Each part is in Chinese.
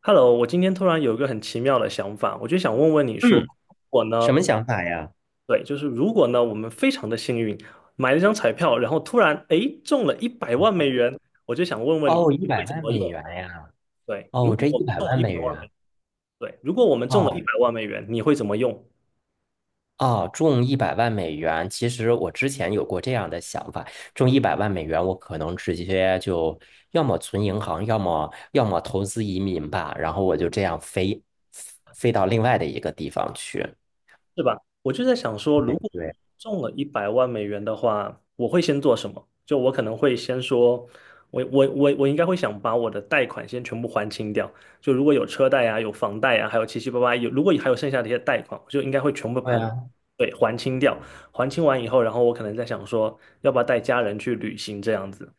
Hello，我今天突然有一个很奇妙的想法，我就想问问你说，嗯，我呢，什么想法呀？对，就是如果呢，我们非常的幸运，买了一张彩票，然后突然诶中了一百万美元，我就想问问你，哦，一你会百怎万么美用？元呀！对，如哦，果这一我们百中了万一百美万美元，元，对，如果我们中了一哦百万美元，你会怎么用？哦，中一百万美元。其实我之前有过这样的想法，中一百万美元，我可能直接就要么存银行，要么投资移民吧。然后我就这样飞到另外的一个地方去。是吧？我就在想说，如果对。中了一百万美元的话，我会先做什么？就我可能会先说，我应该会想把我的贷款先全部还清掉。就如果有车贷啊，有房贷啊，还有七七八八，有如果还有剩下的一些贷款，我就应该会全部把对它给，啊对，还清掉。还清完以后，然后我可能在想说，要不要带家人去旅行这样子。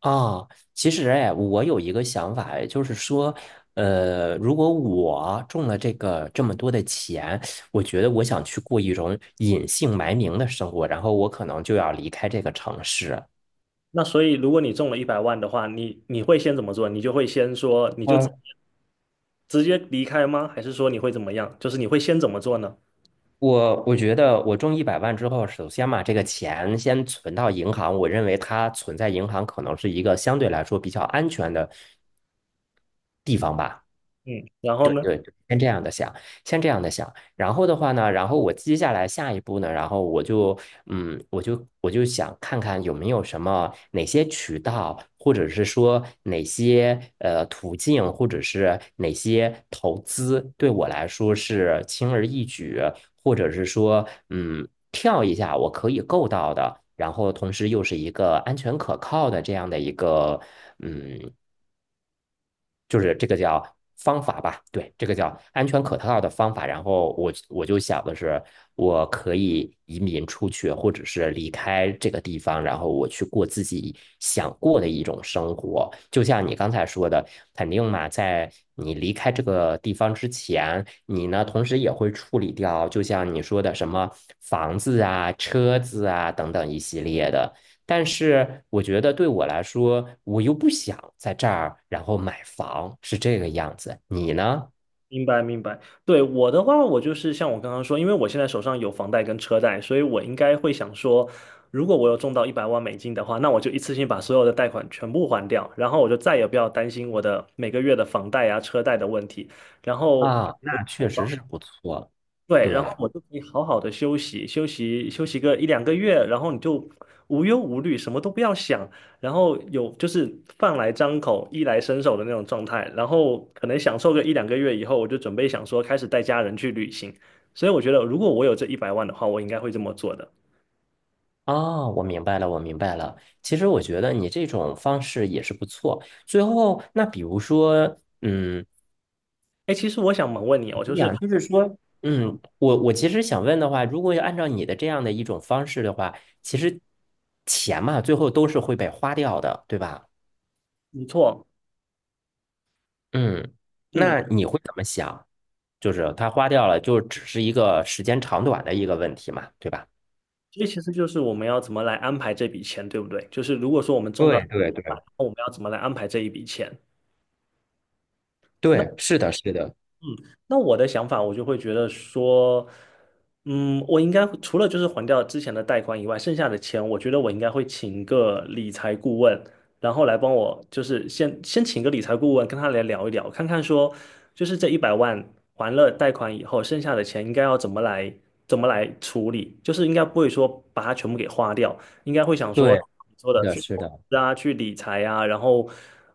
啊，其实哎，我有一个想法，就是说，如果我中了这个这么多的钱，我觉得我想去过一种隐姓埋名的生活，然后我可能就要离开这个城市。那所以，如果你中了一百万的话，你会先怎么做？你就会先说，你就呃，直接离开吗？还是说你会怎么样？就是你会先怎么做呢？我觉得我中一百万之后，首先嘛，这个钱先存到银行，我认为它存在银行可能是一个相对来说比较安全的地方吧。嗯，然后对呢？对对，先这样的想，先这样的想，然后的话呢，然后我接下来下一步呢，然后我就，我就想看看有没有什么哪些渠道，或者是说哪些途径，或者是哪些投资对我来说是轻而易举，或者是说，跳一下我可以够到的，然后同时又是一个安全可靠的这样的一个，嗯。就是这个叫方法吧，对，这个叫安全可靠的方法。然后我就想的是，我可以移民出去，或者是离开这个地方，然后我去过自己想过的一种生活。就像你刚才说的，肯定嘛，在你离开这个地方之前，你呢同时也会处理掉，就像你说的什么房子啊、车子啊等等一系列的。但是我觉得对我来说，我又不想在这儿，然后买房，是这个样子。你呢？明白明白。对，我的话，我就是像我刚刚说，因为我现在手上有房贷跟车贷，所以我应该会想说，如果我有中到100万美金的话，那我就一次性把所有的贷款全部还掉，然后我就再也不要担心我的每个月的房贷啊、车贷的问题。然后，啊，那确实是不错。对，然后对，我就可以好好的休息，休息休息个一两个月，然后你就无忧无虑，什么都不要想，然后有就是饭来张口、衣来伸手的那种状态，然后可能享受个一两个月以后，我就准备想说开始带家人去旅行。所以我觉得，如果我有这一百万的话，我应该会这么做的。啊，我明白了，我明白了。其实我觉得你这种方式也是不错。最后，那比如说，嗯，哎，其实我想猛问你哦，就你是想就是说，我其实想问的话，如果要按照你的这样的一种方式的话，其实钱嘛，最后都是会被花掉的，对吧？没错，嗯，嗯，那你会怎么想？就是他花掉了，就只是一个时间长短的一个问题嘛，对吧？所以其实就是我们要怎么来安排这笔钱，对不对？就是如果说我们中到，对对对我们要怎么来安排这一笔钱？那。对，是的，是的，那我的想法，我就会觉得说，嗯，我应该除了就是还掉之前的贷款以外，剩下的钱，我觉得我应该会请个理财顾问，然后来帮我，就是先请个理财顾问，跟他来聊一聊，看看说，就是这一百万还了贷款以后，剩下的钱应该要怎么来处理，就是应该不会说把它全部给花掉，应该会想说，对，你说是的的，去是投的，资啊，去理财啊，然后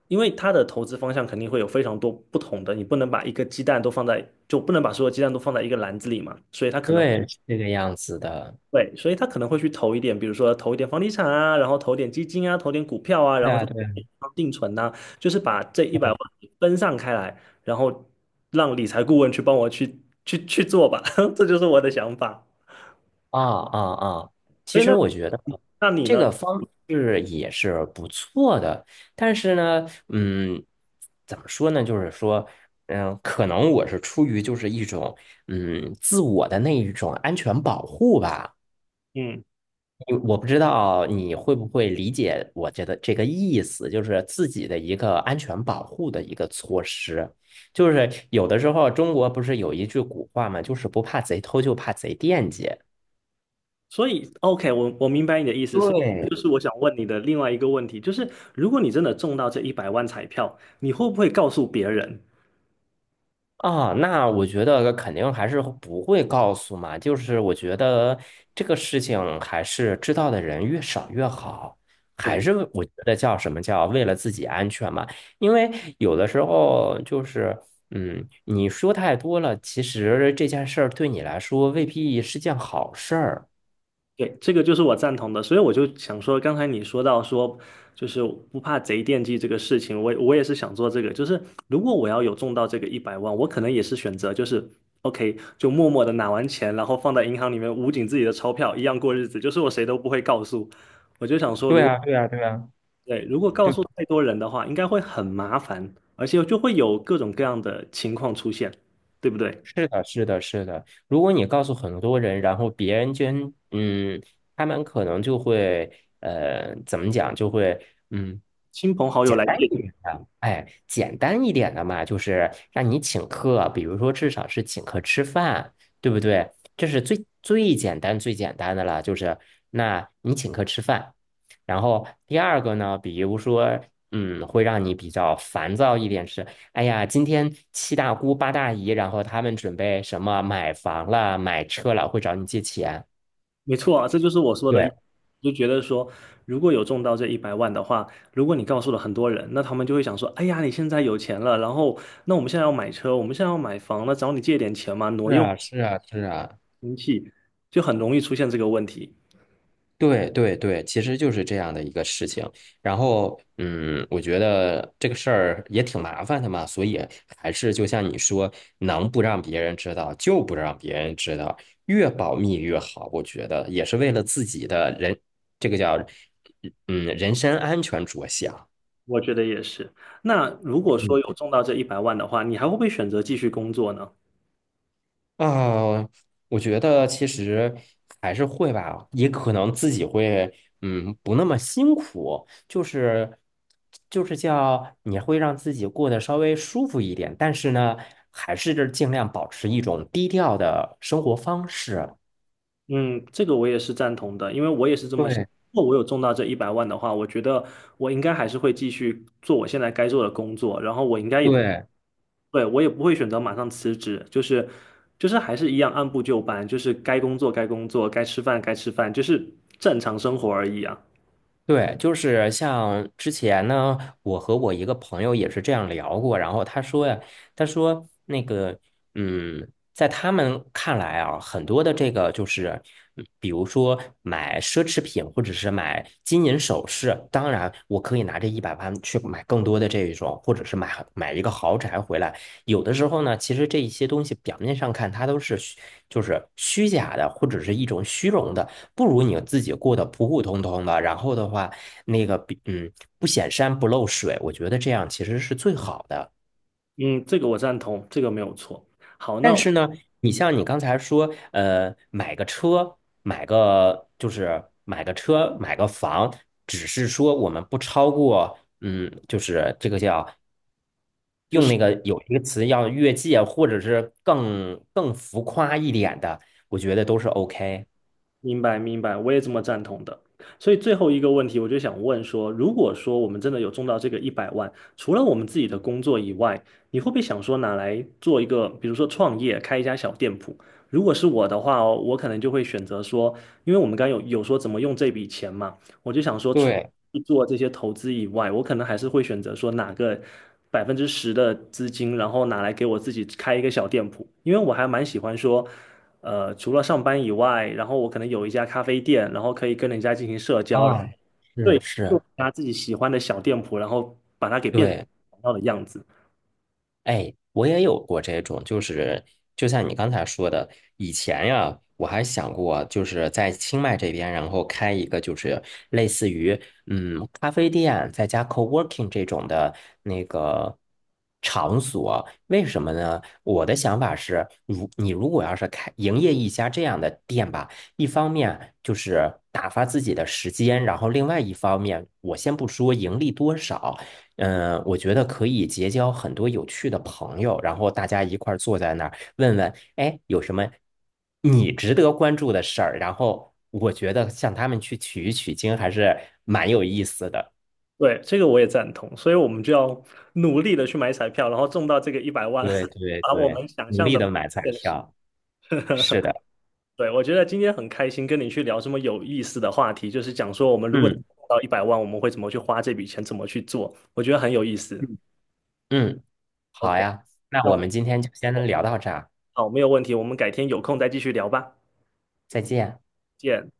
因为他的投资方向肯定会有非常多不同的，你不能把一个鸡蛋都放在，就不能把所有鸡蛋都放在一个篮子里嘛，对，是这个样子的。所以他可能会去投一点，比如说投一点房地产啊，然后投点基金啊，投点股票啊，然对后啊，就对啊，定存呐、就是把这一百万对分散开来，然后让理财顾问去帮我去做吧，这就是我的想法。啊啊啊！所其以那实我觉得你这呢？个方式也是不错的，但是呢，怎么说呢？就是说，可能我是出于就是一种自我的那一种安全保护吧。嗯。因为我不知道你会不会理解我觉得这个意思，就是自己的一个安全保护的一个措施。就是有的时候中国不是有一句古话嘛，就是不怕贼偷，就怕贼惦记。所以，OK，我明白你的意思。所以，对，就是我想问你的另外一个问题，就是如果你真的中到这一百万彩票，你会不会告诉别人？啊，那我觉得肯定还是不会告诉嘛，就是我觉得这个事情还是知道的人越少越好，还对是我觉得叫什么叫为了自己安全嘛，因为有的时候就是，你说太多了，其实这件事儿对你来说未必是件好事儿。对，这个就是我赞同的。所以我就想说，刚才你说到说，就是不怕贼惦记这个事情，我也是想做这个。就是如果我要有中到这个一百万，我可能也是选择就是 OK，就默默的拿完钱，然后放在银行里面捂紧自己的钞票，一样过日子，就是我谁都不会告诉。我就想说，对啊，对啊，对啊。对，如果告诉太多人的话，应该会很麻烦，而且就会有各种各样的情况出现，对不对？是的，是的，是的。如果你告诉很多人，然后别人捐，他们可能就会，怎么讲，就会，嗯，亲朋好友简来单借，一点的，哎，简单一点的嘛，就是让你请客，比如说至少是请客吃饭，对不对？这是最最简单最简单的了，就是那你请客吃饭。然后第二个呢，比如说，会让你比较烦躁一点是。哎呀，今天七大姑八大姨，然后他们准备什么买房了、买车了，会找你借钱。没错啊，这就是我说的，对，就觉得说，如果有中到这一百万的话，如果你告诉了很多人，那他们就会想说，哎呀，你现在有钱了，然后那我们现在要买车，我们现在要买房那找你借点钱嘛，挪是用啊，是啊，是啊，亲戚，就很容易出现这个问题。对对对，其实就是这样的一个事情。然后，我觉得这个事儿也挺麻烦的嘛，所以还是就像你说，能不让别人知道就不让别人知道，越保密越好。我觉得也是为了自己的人，这个叫人身安全着想。我觉得也是。那如果说有中到这一百万的话，你还会不会选择继续工作呢？啊，我觉得其实还是会吧，也可能自己会，不那么辛苦，就是叫你会让自己过得稍微舒服一点，但是呢，还是尽量保持一种低调的生活方式。嗯，这个我也是赞同的，因为我也是这么想。对如果我有中到这一百万的话，我觉得我应该还是会继续做我现在该做的工作，然后我应该也不，对，对，我也不会选择马上辞职，就是就是还是一样按部就班，就是该工作该工作，该吃饭该吃饭，就是正常生活而已啊。对，就是像之前呢，我和我一个朋友也是这样聊过，然后他说呀，他说那个，嗯，在他们看来啊，很多的这个就是，比如说买奢侈品或者是买金银首饰，当然我可以拿这一百万去买更多的这一种，或者是买一个豪宅回来。有的时候呢，其实这一些东西表面上看它都是就是虚假的，或者是一种虚荣的。不如你自己过得普普通通的，然后的话，那个嗯不显山不漏水，我觉得这样其实是最好的。嗯，这个我赞同，这个没有错。好，但那是呢，你像你刚才说，买个车，买个车，买个房，只是说我们不超过，就是这个叫用那个有一个词叫越界，或者是更浮夸一点的，我觉得都是 OK。明白，明白，我也这么赞同的。所以最后一个问题，我就想问说，如果说我们真的有中到这个一百万，除了我们自己的工作以外，你会不会想说拿来做一个，比如说创业，开一家小店铺？如果是我的话哦，我可能就会选择说，因为我们刚刚有说怎么用这笔钱嘛，我就想说，除对，了做这些投资以外，我可能还是会选择说哪个10%的资金，然后拿来给我自己开一个小店铺，因为我还蛮喜欢说。呃，除了上班以外，然后我可能有一家咖啡店，然后可以跟人家进行社交，啊，是对，做是，一家自己喜欢的小店铺，然后把它给变成对。想要的样子。哎，我也有过这种，就是就像你刚才说的，以前呀，我还想过，就是在清迈这边，然后开一个就是类似于咖啡店，再加 co-working 这种的那个场所。为什么呢？我的想法是，如果要是开营业一家这样的店吧，一方面就是打发自己的时间，然后另外一方面，我先不说盈利多少。我觉得可以结交很多有趣的朋友，然后大家一块儿坐在那儿，问问，哎，有什么你值得关注的事儿？然后我觉得向他们去取一取经还是蛮有意思的。对，这个我也赞同，所以我们就要努力的去买彩票，然后中到这个一百万，对 对把我对，们想努象力的的买彩现实。票，是 的，对，我觉得今天很开心跟你去聊这么有意思的话题，就是讲说我们如果中嗯到一百万，我们会怎么去花这笔钱，怎么去做，我觉得很有意思。嗯嗯，OK，好呀，那那我我们今天就先聊到这儿啊，好，没有问题，我们改天有空再继续聊吧，再见。见。